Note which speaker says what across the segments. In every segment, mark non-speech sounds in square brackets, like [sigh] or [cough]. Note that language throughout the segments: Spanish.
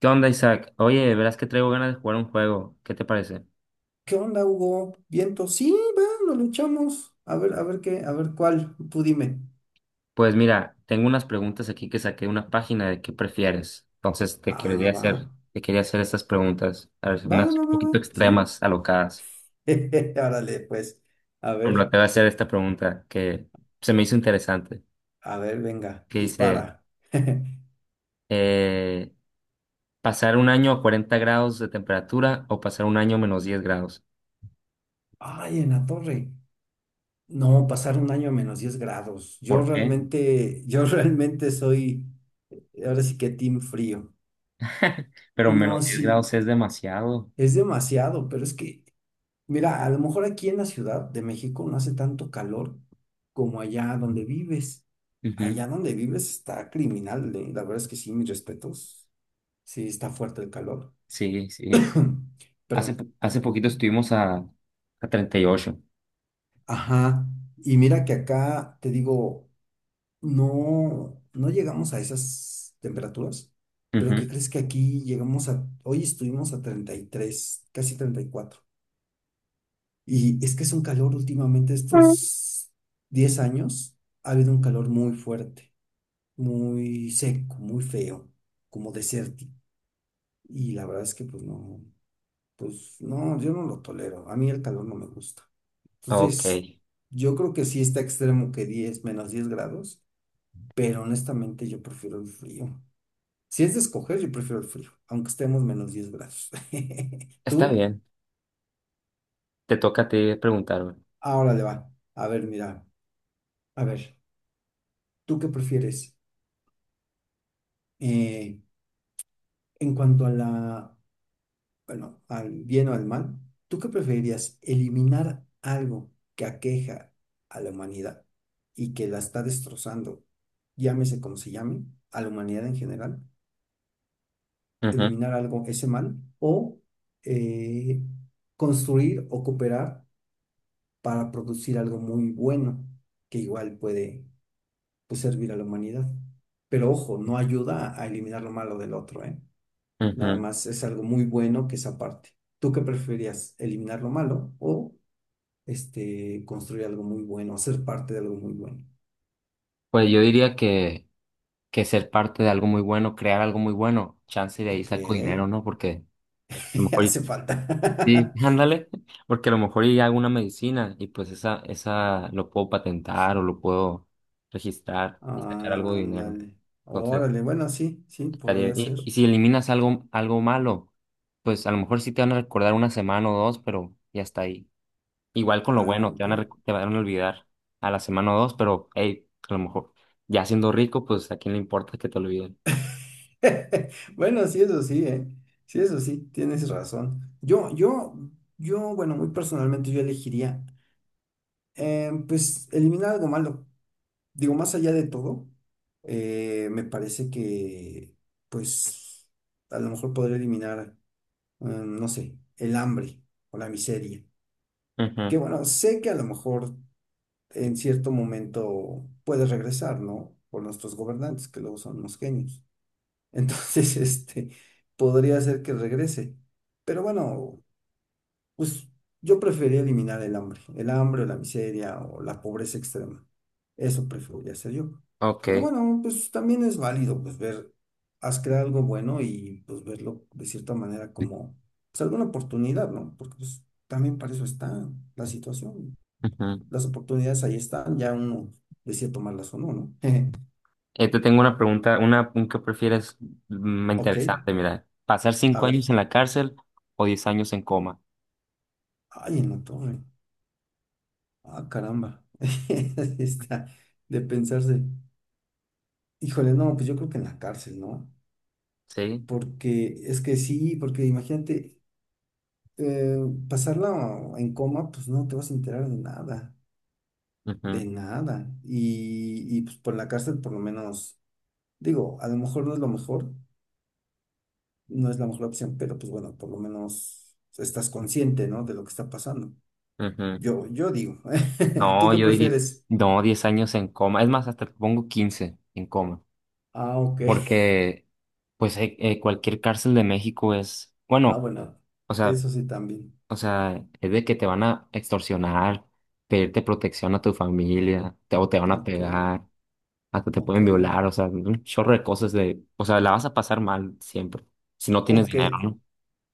Speaker 1: ¿Qué onda, Isaac? Oye, verás que traigo ganas de jugar un juego. ¿Qué te parece?
Speaker 2: ¿Qué onda, Hugo? ¿Viento? Sí, va, lo luchamos. A ver qué, a ver cuál, tú dime.
Speaker 1: Pues mira, tengo unas preguntas aquí que saqué de una página de qué prefieres. Entonces
Speaker 2: Ah, va.
Speaker 1: te quería hacer estas preguntas, a ver,
Speaker 2: Va,
Speaker 1: unas
Speaker 2: va,
Speaker 1: un
Speaker 2: va, va,
Speaker 1: poquito
Speaker 2: sí.
Speaker 1: extremas, alocadas.
Speaker 2: [laughs] Árale, pues. A
Speaker 1: Por
Speaker 2: ver,
Speaker 1: ejemplo, te voy a hacer esta pregunta que se me hizo interesante,
Speaker 2: a ver, venga,
Speaker 1: que dice,
Speaker 2: dispara. [laughs]
Speaker 1: eh, ¿pasar un año a 40 grados de temperatura o pasar un año a menos diez grados?
Speaker 2: Ay, en la torre. No, pasar un año a -10 grados. Yo
Speaker 1: ¿Por qué?
Speaker 2: realmente, yo [laughs] realmente soy, ahora sí que team frío.
Speaker 1: [laughs] Pero menos
Speaker 2: No,
Speaker 1: 10
Speaker 2: sí,
Speaker 1: grados es demasiado.
Speaker 2: es demasiado, pero es que mira, a lo mejor aquí en la Ciudad de México no hace tanto calor como allá donde vives.
Speaker 1: Ujú.
Speaker 2: Allá donde vives está criminal, la verdad es que sí, mis respetos. Sí, está fuerte el calor.
Speaker 1: Sí, sí.
Speaker 2: [clears throat]
Speaker 1: Hace,
Speaker 2: Perdón.
Speaker 1: hace poquito estuvimos a 38.
Speaker 2: Ajá. Y mira que acá te digo, no, no llegamos a esas temperaturas, pero ¿qué
Speaker 1: Ujú.
Speaker 2: crees que aquí llegamos a, hoy estuvimos a 33, casi 34? Y es que es un calor últimamente, estos 10 años, ha habido un calor muy fuerte, muy seco, muy feo, como desértico. Y la verdad es que pues no, yo no lo tolero. A mí el calor no me gusta.
Speaker 1: Ok,
Speaker 2: Entonces, yo creo que sí está extremo que 10 -10 grados, pero honestamente yo prefiero el frío. Si es de escoger, yo prefiero el frío, aunque estemos -10 grados. [laughs]
Speaker 1: está
Speaker 2: ¿Tú?
Speaker 1: bien. Te toca a ti preguntarme.
Speaker 2: Ahora le va. A ver, mira, a ver, ¿tú qué prefieres? Eh, en cuanto a la, bueno, al bien o al mal, ¿tú qué preferirías? ¿Eliminar algo que aqueja a la humanidad y que la está destrozando, llámese como se llame, a la humanidad en general?
Speaker 1: Ujú,
Speaker 2: ¿Eliminar algo, ese mal? ¿O eh, construir o cooperar para producir algo muy bueno que igual puede, pues, servir a la humanidad? Pero ojo, no ayuda a eliminar lo malo del otro, ¿eh? Nada
Speaker 1: ujú.
Speaker 2: más es algo muy bueno que esa parte. ¿Tú qué preferirías? ¿Eliminar lo malo o este, construir algo muy bueno, ser parte de algo muy bueno?
Speaker 1: Pues yo diría que ser parte de algo muy bueno, crear algo muy bueno, chance de ahí
Speaker 2: Ok,
Speaker 1: saco dinero, ¿no? Porque a lo
Speaker 2: [laughs]
Speaker 1: mejor,
Speaker 2: hace
Speaker 1: sí,
Speaker 2: falta.
Speaker 1: [laughs] ándale, porque a lo mejor y hago una medicina y pues esa lo puedo patentar o lo puedo
Speaker 2: [laughs]
Speaker 1: registrar y sacar algo de dinero.
Speaker 2: Ándale.
Speaker 1: Entonces,
Speaker 2: Órale, bueno, sí, sí, podría
Speaker 1: Y,
Speaker 2: ser.
Speaker 1: y si eliminas algo, algo malo, pues a lo mejor sí te van a recordar una semana o dos, pero ya está ahí. Igual con lo
Speaker 2: Ah,
Speaker 1: bueno, te
Speaker 2: ok.
Speaker 1: van a, te van a olvidar a la semana o dos, pero hey, a lo mejor ya siendo rico, pues a quién le importa que te olviden.
Speaker 2: [laughs] Bueno, sí, eso sí, ¿eh? Sí, eso sí, tienes razón. Yo, bueno, muy personalmente yo elegiría, pues, eliminar algo malo. Digo, más allá de todo, me parece que, pues, a lo mejor podría eliminar, no sé, el hambre o la miseria.
Speaker 1: Ujú.
Speaker 2: Que bueno, sé que a lo mejor en cierto momento puede regresar, ¿no? Por nuestros gobernantes, que luego son unos genios. Entonces, [laughs] este, podría ser que regrese. Pero bueno. Pues yo preferiría eliminar el hambre o la miseria o la pobreza extrema. Eso preferiría hacer yo. Pero
Speaker 1: Ok.
Speaker 2: bueno, pues también es válido pues ver, has creado algo bueno y pues verlo de cierta manera como pues alguna oportunidad, ¿no? Porque pues también para eso está la situación.
Speaker 1: Ujú.
Speaker 2: Las oportunidades ahí están, ya uno decide tomarlas o no, ¿no? [laughs]
Speaker 1: Te tengo una pregunta, una, un que prefieres
Speaker 2: Ok,
Speaker 1: interesante, mira. ¿Pasar
Speaker 2: a
Speaker 1: cinco años
Speaker 2: ver.
Speaker 1: en la cárcel o diez años en coma?
Speaker 2: Ay, en la torre. Ah, caramba. [laughs] Está de pensarse. Híjole, no, pues yo creo que en la cárcel, ¿no?
Speaker 1: Sí.
Speaker 2: Porque es que sí, porque imagínate, eh, pasarla en coma, pues no te vas a enterar de nada, de
Speaker 1: Ujú,
Speaker 2: nada. Y pues por la cárcel por lo menos, digo, a lo mejor no es lo mejor, no es la mejor opción, pero pues bueno, por lo menos estás consciente, ¿no? De lo que está pasando.
Speaker 1: ujú.
Speaker 2: Yo digo, [laughs] ¿tú
Speaker 1: No,
Speaker 2: qué
Speaker 1: yo diría,
Speaker 2: prefieres?
Speaker 1: no, 10 años en coma. Es más, hasta te pongo 15 en coma.
Speaker 2: Ah, ok.
Speaker 1: Porque, pues, cualquier cárcel de México es,
Speaker 2: Ah,
Speaker 1: bueno,
Speaker 2: bueno,
Speaker 1: o sea,
Speaker 2: eso sí también.
Speaker 1: o sea, es de que te van a extorsionar, pedirte protección a tu familia, te, o te van a
Speaker 2: Ok,
Speaker 1: pegar, hasta te
Speaker 2: ok,
Speaker 1: pueden violar, o sea, un chorro de cosas de, o sea, la vas a pasar mal siempre, si no tienes
Speaker 2: ok.
Speaker 1: dinero, ¿no?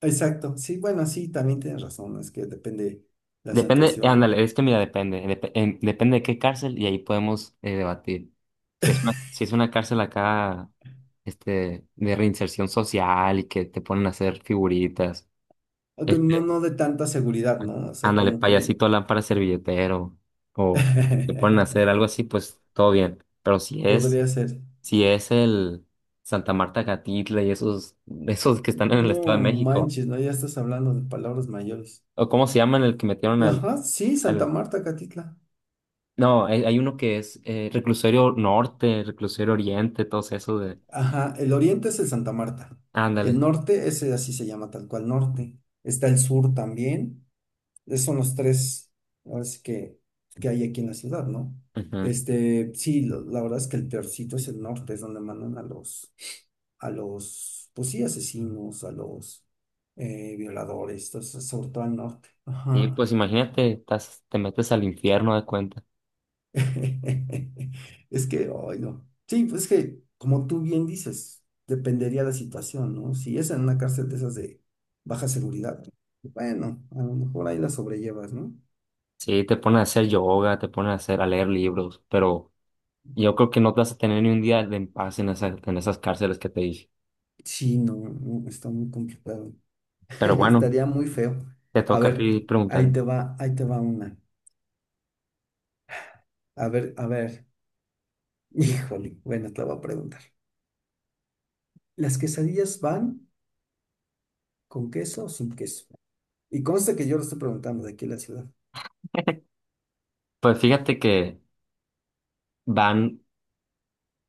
Speaker 2: Exacto, sí, bueno, sí, también tienes razón, es que depende la
Speaker 1: Depende,
Speaker 2: situación,
Speaker 1: ándale, es que mira, depende, depende de qué cárcel y ahí podemos debatir. Si es una, si es una cárcel acá, este, de reinserción social y que te ponen a hacer figuritas,
Speaker 2: aunque no,
Speaker 1: este,
Speaker 2: no de tanta seguridad, ¿no? O sea,
Speaker 1: ándale,
Speaker 2: como que
Speaker 1: payasito, lámpara, servilletero, o te ponen a hacer
Speaker 2: [laughs]
Speaker 1: algo así, pues todo bien. Pero si es,
Speaker 2: podría ser,
Speaker 1: si es el Santa Marta Catitla y esos, esos que están en el Estado
Speaker 2: no
Speaker 1: de México,
Speaker 2: manches, ¿no? Ya estás hablando de palabras mayores.
Speaker 1: o cómo se llaman el que metieron al,
Speaker 2: Ajá, sí, Santa Marta, Catitla.
Speaker 1: no, hay uno que es Reclusorio Norte, Reclusorio Oriente, todo eso de...
Speaker 2: Ajá, el oriente es el Santa Marta, el
Speaker 1: Ándale.
Speaker 2: norte, ese así se llama tal cual norte, está el sur también. Esos son los tres, ahora sí que hay aquí en la ciudad, ¿no?
Speaker 1: Ujú.
Speaker 2: Este, sí, la verdad es que el peorcito es el norte, es donde mandan a los, pues sí, asesinos, a los violadores, entonces, sobre todo al norte.
Speaker 1: Y
Speaker 2: Ajá.
Speaker 1: pues imagínate, estás, te metes al infierno de cuenta.
Speaker 2: [laughs] Es que, ay, no. Sí, pues es que, como tú bien dices, dependería la situación, ¿no? Si es en una cárcel de esas de baja seguridad, bueno, a lo mejor ahí la sobrellevas, ¿no?
Speaker 1: Sí, te pones a hacer yoga, te pones a hacer, a leer libros, pero yo creo que no te vas a tener ni un día de en paz en esas cárceles que te dije.
Speaker 2: Sí, no, no, está muy complicado. [laughs]
Speaker 1: Pero bueno,
Speaker 2: Estaría muy feo.
Speaker 1: te
Speaker 2: A
Speaker 1: toca a
Speaker 2: ver,
Speaker 1: ti preguntar.
Speaker 2: ahí te va una. A ver, a ver. [laughs] Híjole, bueno, te la voy a preguntar. ¿Las quesadillas van con queso o sin queso? Y consta que yo lo estoy preguntando de aquí en la ciudad.
Speaker 1: Pues fíjate que van,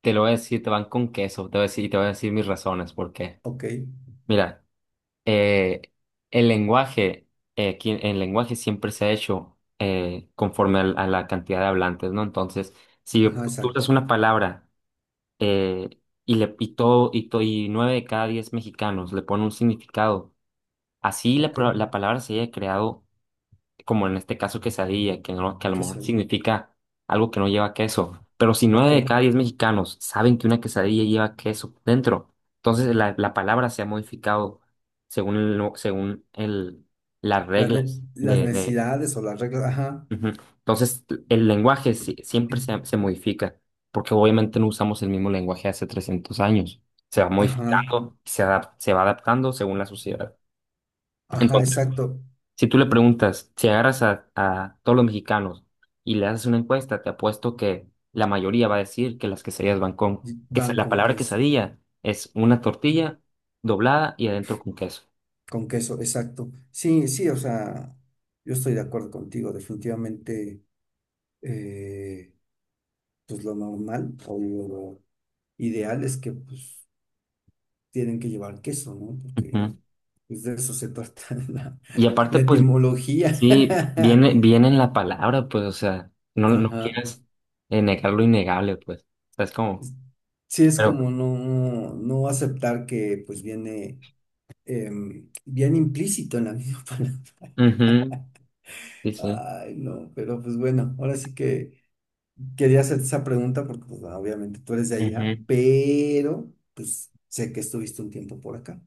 Speaker 1: te lo voy a decir, te van con queso, te voy a decir, y te voy a decir mis razones, porque,
Speaker 2: Ok,
Speaker 1: mira. eh, el lenguaje, aquí el lenguaje siempre se ha hecho conforme a, la cantidad de hablantes, ¿no? Entonces, si
Speaker 2: ajá,
Speaker 1: tú usas
Speaker 2: exacto.
Speaker 1: una palabra eh, y, le, y, todo, y nueve de cada diez mexicanos le ponen un significado, así la,
Speaker 2: Ok,
Speaker 1: la palabra se haya creado como en este caso quesadilla, que, no, que a lo mejor
Speaker 2: quesadilla.
Speaker 1: significa algo que no lleva queso. Pero si nueve
Speaker 2: Ok.
Speaker 1: de cada diez mexicanos saben que una quesadilla lleva queso dentro, entonces la palabra se ha modificado según, el no- según el, las
Speaker 2: Las,
Speaker 1: reglas
Speaker 2: las
Speaker 1: de-
Speaker 2: necesidades o las reglas, ajá,
Speaker 1: Ujú. Entonces el lenguaje siempre se, se modifica, porque obviamente no usamos el mismo lenguaje hace 300 años. Se va
Speaker 2: ajá,
Speaker 1: modificando, se se va adaptando según la sociedad.
Speaker 2: ajá,
Speaker 1: Entonces,
Speaker 2: exacto.
Speaker 1: si tú le preguntas, si agarras a todos los mexicanos y le haces una encuesta, te apuesto que la mayoría va a decir que las quesadillas van con,
Speaker 2: Y van
Speaker 1: la palabra quesadilla es una tortilla doblada y adentro con queso.
Speaker 2: con queso, exacto. Sí, sí, o sea, yo estoy de acuerdo contigo, definitivamente. eh, pues lo normal o lo ideal es que pues tienen que llevar queso, ¿no? Porque
Speaker 1: Ujú.
Speaker 2: pues, de eso se trata [laughs] la,
Speaker 1: Y aparte,
Speaker 2: la
Speaker 1: pues,
Speaker 2: etimología.
Speaker 1: sí,
Speaker 2: [laughs]
Speaker 1: viene, viene en la palabra, pues, o sea, no, no
Speaker 2: Ajá.
Speaker 1: quieras negar lo innegable, pues. O sea, es como,
Speaker 2: Sí, es como
Speaker 1: pero,
Speaker 2: no, no aceptar que pues viene bien implícito en la misma [laughs] palabra.
Speaker 1: ujú, sí, sí.
Speaker 2: Ay, no, pero pues bueno, ahora sí que quería hacerte esa pregunta porque pues obviamente tú eres de allá,
Speaker 1: Ujú.
Speaker 2: pero pues sé que estuviste un tiempo por acá.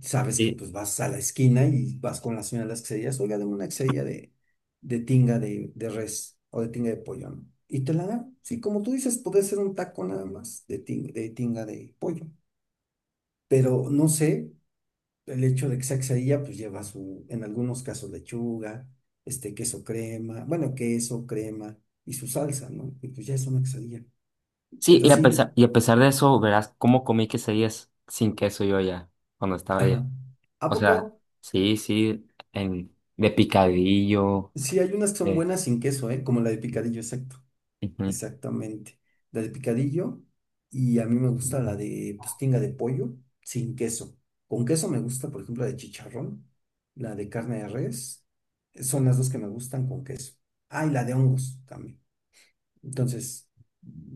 Speaker 2: Sabes que
Speaker 1: Sí,
Speaker 2: pues vas a la esquina y vas con la señora de las quesadillas, oiga, dame una quesadilla de, de res o de tinga de pollo, ¿no? Y te la da. Sí, como tú dices, puede ser un taco nada más de tinga de pollo. Pero no sé, el hecho de que sea quesadilla, pues lleva su, en algunos casos, lechuga, este, queso crema, bueno, queso, crema y su salsa, ¿no? Y pues ya es una quesadilla.
Speaker 1: sí,
Speaker 2: Pero sí,
Speaker 1: y a pesar de eso, verás cómo comí quesadillas sin queso yo ya, cuando estaba allá.
Speaker 2: ajá. ¿A
Speaker 1: O sea,
Speaker 2: poco?
Speaker 1: sí, sí, en, de picadillo.
Speaker 2: Sí, hay unas que son
Speaker 1: de-
Speaker 2: buenas sin queso, ¿eh? Como la de picadillo, exacto.
Speaker 1: Ujú.
Speaker 2: Exactamente. La de picadillo. Y a mí me gusta la de pues, tinga de pollo sin queso. Con queso me gusta, por ejemplo, la de chicharrón, la de carne de res. Son las dos que me gustan con queso. Ah, y la de hongos también. Entonces,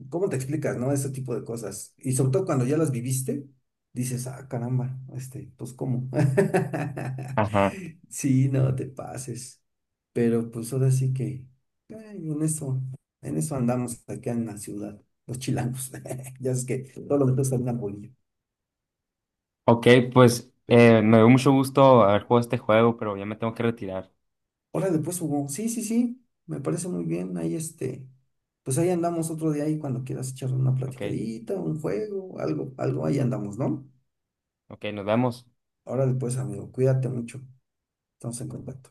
Speaker 2: ¿cómo te explicas, no? Ese tipo de cosas. Y sobre todo cuando ya las viviste, dices, ah, caramba, este, pues ¿cómo? [laughs]
Speaker 1: Ajá.
Speaker 2: Sí, no te pases. Pero pues ahora sí que, ay, en eso andamos acá en la ciudad, los chilangos. [laughs] Ya es que todo lo que está en una bolilla.
Speaker 1: Ok, pues
Speaker 2: Pero bueno.
Speaker 1: me dio mucho gusto haber jugado este juego, pero ya me tengo que retirar.
Speaker 2: Órale, pues Hugo, sí, sí, sí, me parece muy bien. Ahí este, pues ahí andamos otro día ahí cuando quieras echar una
Speaker 1: Ok,
Speaker 2: platicadita, un juego, algo, algo, ahí andamos, ¿no?
Speaker 1: ok, nos vemos.
Speaker 2: Órale pues, amigo, cuídate mucho. Estamos en contacto.